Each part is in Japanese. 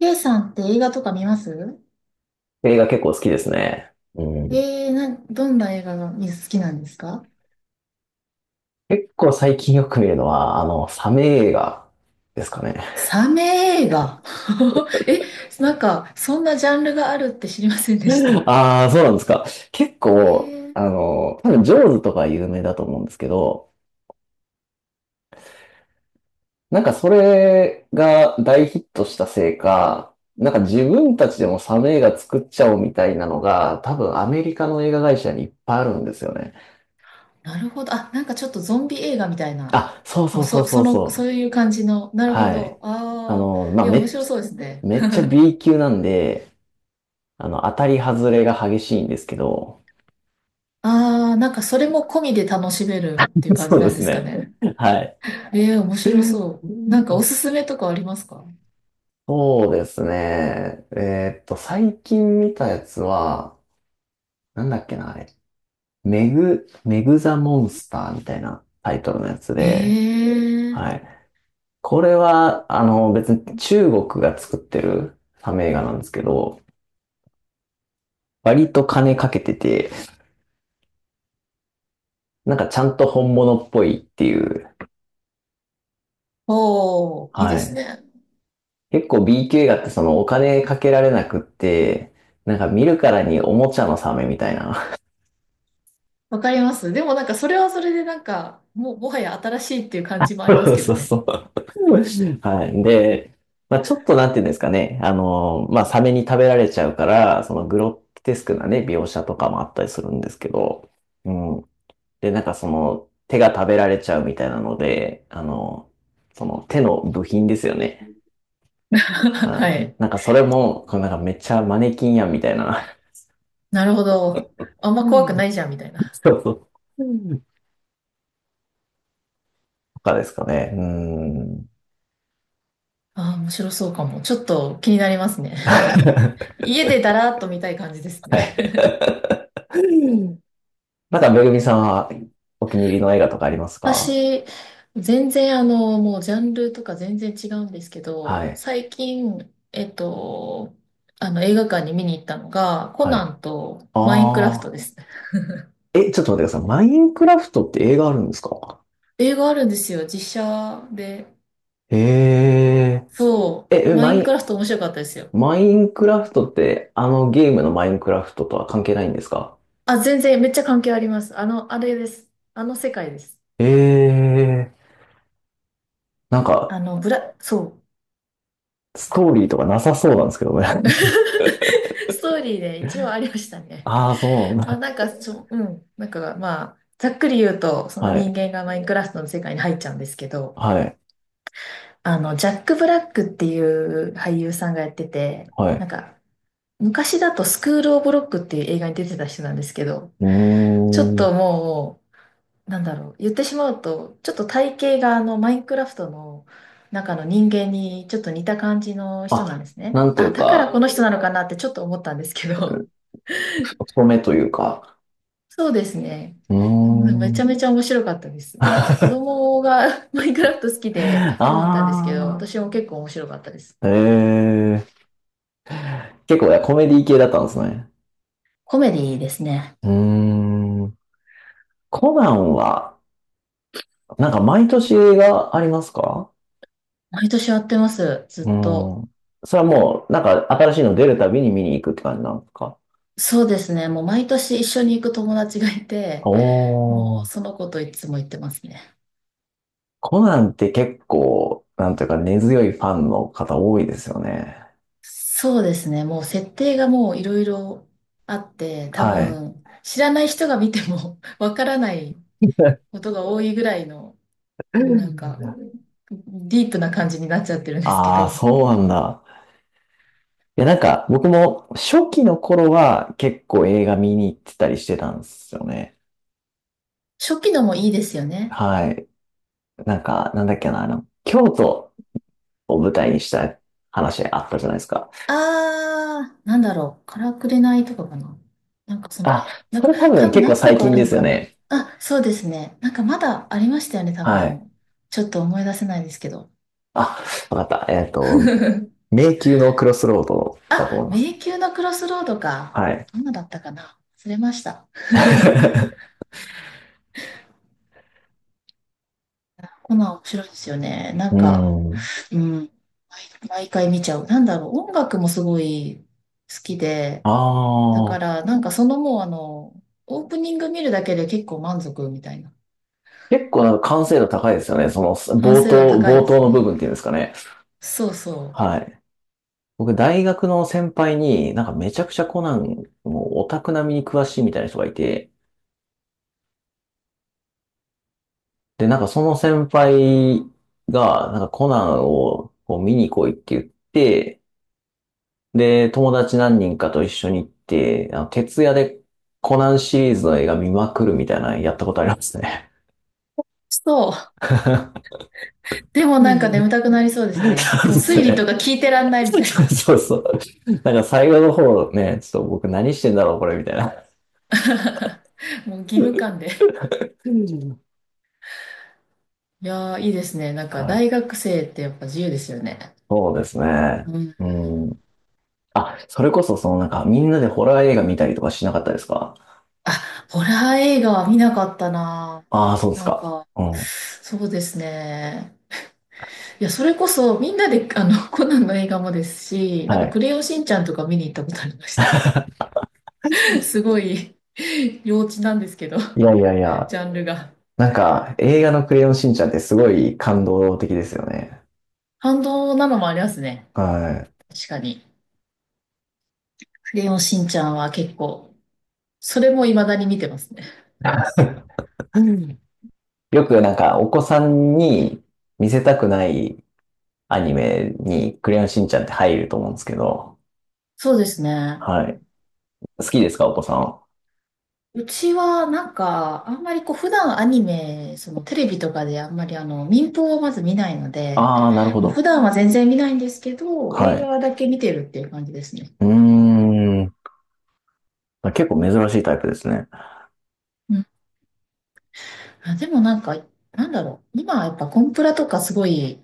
K さんって映画とか見ます？映画結構好きですね。うん。どんな映画が好きなんですか？結構最近よく見るのは、サメ映画ですかね。サメ映画。 え、そんなジャンルがあるって知りませんでし た。ああ、そうなんですか。結え構、ー、多分、ジョーズとか有名だと思うんですけど、なんかそれが大ヒットしたせいか、なんか自分たちでもサメ映画作っちゃおうみたいなのが、多分アメリカの映画会社にいっぱいあるんですよね。なるほど。あ、なんかちょっとゾンビ映画みたいな。あ、そうもそううそうそ、そそうの、そそういう感じの。なう。るほはど。い。ああ、まあ、いや、面白そうですね。めっちゃ B 級なんで、当たり外れが激しいんですけど、ああ、なんかそれも込みで楽しめるっていう 感じそうでなんですすかね。ね。はい。えー、面白そう。なんかおすすめとかありますか？そうですね。最近見たやつは、なんだっけな、あれ。メグザモンスターみたいなタイトルのやつえで、えー、はい。これは、別に中国が作ってるサメ映画なんですけど、割と金かけてて、なんかちゃんと本物っぽいっていう、おー、いいはですい。ね。結構 BQ 画ってそのお金かけられなくって、なんか見るからにおもちゃのサメみたいな。わかります。でもなんかそれはそれでなんか、もうもはや新しいっていう感じもあります けどそうそね。う。はい。で、まあちょっとなんていうんですかね。まあサメに食べられちゃうから、そのグロテスクなね、描写とかもあったりするんですけど、うん。で、なんかその手が食べられちゃうみたいなので、その手の部品ですよね。はあ、い。なんかそれも、こうなんかめっちゃマネキンやんみたいな。なるほど。あんま 怖くないじゃんみたいな。そうそう。かですかね。うーん。ああ、面白そうかも。ちょっと気になりますね。家でだらーっと見たい感じですね。はい。なんか、めぐみさんはお気に入りの映画とかありますか？私、全然あの、もうジャンルとか全然違うんですけはど、い。最近、あの映画館に見に行ったのが、コはナい。ンとマインクラフあトあ。ですね。え、ちょっと待ってください。マインクラフトって映画あるんですか？映画あるんですよ、実写で。へえ。そう、え、マイマインクラフト面白かったですよ。ン、マインクラフトって、あのゲームのマインクラフトとは関係ないんですか？あ、全然めっちゃ関係あります。あの、あれです。あの世界です。ええ。なんか、そう。ストーリーとかなさそうなんですけどね。ストーリーで一応ありました ね。ああ、そうなんまあだ。なんか、そう、うん。なんかまあ、ざっくり言うと、そのは人い。間がマインクラフトの世界に入っちゃうんですけど、はい。あの、ジャック・ブラックっていう俳優さんがやってて、はい。なんか、昔だとスクール・オブ・ロックっていう映画に出てた人なんですけど、うちょっーん。ともう、なんだろう、言ってしまうと、ちょっと体型があのマインクラフトの中の人間にちょっと似た感じの人なんであ、すね。なんといあ、うだからこか、の人なのかなってちょっと思ったんですけど、ふ太めというか。そうですね。うーうん、めちゃん。めちゃ面白かった です。なんかあ子供が マインクラフト好きで見に行ったんですけど、私も結構面白かったです。あ。ええ、結構ね、コメディ系だったんですね。コメディですね。うーん。コナンは、なんか毎年映画ありますか？毎年やってます、うずっと。ん。それはもう、なんか新しいの出るたびに見に行くって感じなんですか？そうですね。もう毎年一緒に行く友達がいて、もおうそー。の子といつも行ってますね。コナンって結構、なんというか根強いファンの方多いですよね。そうですね。もう設定がもういろいろあって、多はい。分知らない人が見ても わからないことが多いぐらいの、もうなんか ディープな感じになっちゃってるんですけああ、ど。そうなんだ。いや、なんか、僕も初期の頃は結構映画見に行ってたりしてたんですよね。初期のもいいですよね。はい。なんか、なんだっけな、あの、京都を舞台にした話あったじゃないですか。あー、なんだろう。からくれないとかかな。なんかそのあ、辺。なんそかれ多多分分結構何個最かあ近るでのすよかな。ね。あ、そうですね。なんかまだありましたよね、多分ではい。も。ちょっと思い出せないですけど。あ、わかった。迷宮のクロスロードだとあ、思います。迷宮のクロスロードか。はい。どんなだったかな、忘れました。こナン面白いですよね。なうんか、ん。うん、毎回見ちゃう。なんだろう、音楽もすごい好きで、あだかあ。らなんかそのもうあの、オープニング見るだけで結構満足みたいな。結構なんか完成度高いですよね。その、完成度高い冒で頭すの部ね。分っていうんですかね。そうそう。はい。僕、大学の先輩に、なんかめちゃくちゃコナン、もうオタク並みに詳しいみたいな人がいて、で、なんかその先輩が、なんかコナンをこう見に来いって言って、で、友達何人かと一緒に行って、徹夜でコナンシリーズの映画見まくるみたいなのやったことありますね。そう。でもなんか眠 たくなりそうですね。そうもうで推す理とね。か聞いてらんないみそたいうな。そうそう。なんか最後の方ね、ちょっと僕何してんだろう、これみたいな。もう義務感で。うん。いやー、いいですね。なんかはい。大学生ってやっぱ自由ですよね。そうですね。うん。うん。あ、それこそ、そのなんか、みんなでホラー映画見たりとかしなかったですか？あ、ホラー映画は見なかったな。ああー、そうですなんか。か、うん。そうですね。いや、それこそみんなで、あの、コナンの映画もですし、なんはかクい。レヨンしんちゃんとか見に行ったことありました。すごい、幼稚なんですけど、いやいやいジや、ャンルが。なんか、映画のクレヨンしんちゃんってすごい感動的ですよね。反動なのもありますね。はい。確かに。クレヨンしんちゃんは結構、それも未だに見てますね。よくなんか、お子さんに見せたくないアニメにクレヨンしんちゃんって入ると思うんですけど、そうですね。はい。好きですか、お子さんは。うちはなんか、あんまりこう、普段アニメ、そのテレビとかであんまりあの、民放をまず見ないので、ああ、なるほもう普ど。段は全然見ないんですけど、は映い。画だけ見てるっていう感じですね。うーん。結構珍しいタイプですね。うん。あ、でもなんか、なんだろう。今はやっぱコンプラとかすごい、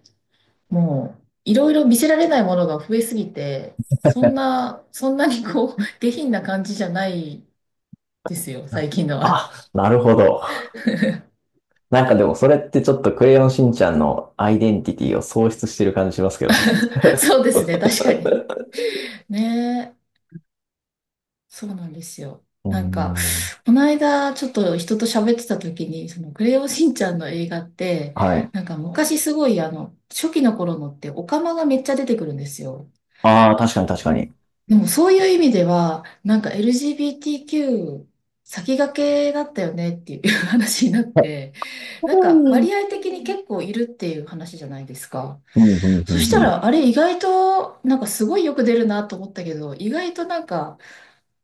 もう、いろいろ見せられないものが増えすぎて、そんなにこう、下品な感じじゃないですよ、最近のは。あ、なるほど。なんかでもそれってちょっとクレヨンしんちゃんのアイデンティティを喪失してる感じしますけどね。そうですね、確かに。ね、そうなんですよ。うーなんか、ん。この間、ちょっと人と喋ってた時に、その、クレヨンしんちゃんの映画って、はい。なんか昔すごい、あの、初期の頃のって、オカマがめっちゃ出てくるんですよ。ああ、確かに確かに。でも、そういう意味では、なんか LGBTQ 先駆けだったよねっていう 話になっはい。て、なんか、うん割合的に結構いるっていう話じゃないですか。うんうんうそんしうたん。ら、あれ意外と、なんかすごいよく出るなと思ったけど、意外となんか、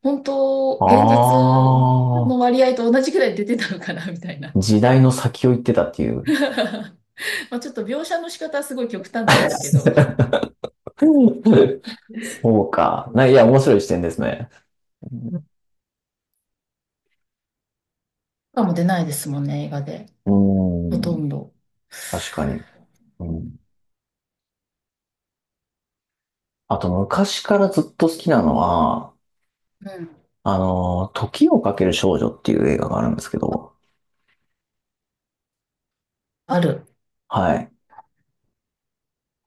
本当、現実のあ割合と同じくらい出てたのかな、みたいな。あ、時代の先を行ってたっていう。まあちょっと描写の仕方はすごい極端なんですけど。うん。そうか。いや、面白い視点ですね。かも出ないですもんね、映画で。うん、うほとん。んど。確かに。うん。あと、昔からずっと好きなのは、うん。時をかける少女っていう映画があるんですけど、ある。はい。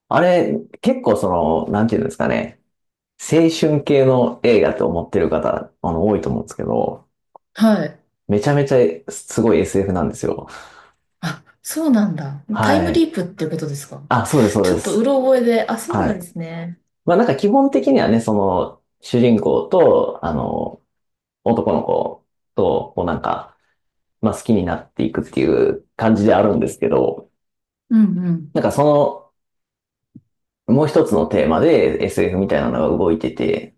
あれ、結構その、なんていうんですかね、青春系の映画と思ってる方、多いと思うんですけど、はい。めちゃめちゃすごい SF なんですよ。あ、そうなんだ。タイはムい。リープっていうことですか？あ、そうです、そうちょでっとうす。ろ覚えで、あ、そうはない。んですね。まあなんか基本的にはね、その、主人公と、男の子と、こうなんか、まあ好きになっていくっていう感じであるんですけど、うんうん。なんかその、もう一つのテーマで SF みたいなのが動いてて、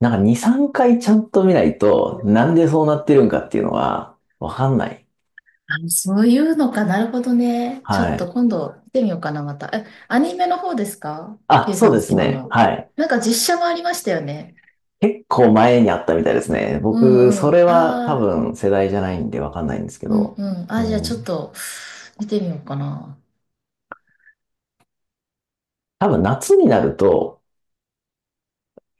なんか2、3回ちゃんと見ないと、なんでそうなってるんかっていうのは、わかんない。あ、そういうのか。なるほどね。ちょっはい。と今度見てみようかな、また。え、アニメの方ですか？ あ、K そさうんで好す、きなね。の。はい。なんか実写もありましたよね。結構前にあったみたいですね。うん僕、そうれん。は多ああ、分世代じゃないんでわかんないんですけうんど、うん。うあ、じゃあちょっん。と見てみようかな。多分夏になると、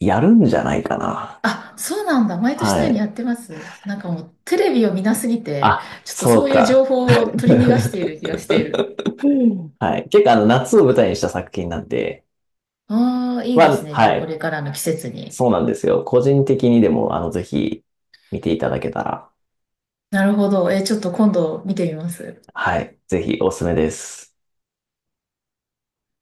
やるんじゃないかな。あ、そうなんだ。毎年のはようにやい。ってます。なんかもうテレビを見なすぎて、あ、ちょっとそそうういう情か。報を取り逃がしている 気がしている。はい。結構あの、夏を舞台にした作品なんで、ああ、いいまですあ、ね。じゃあはこい。れからの季節に。そうなんですよ。個人的にでも、ぜひ見ていただけたら。なるほど。え、ちょっと今度見てみます。はい。ぜひおすすめです。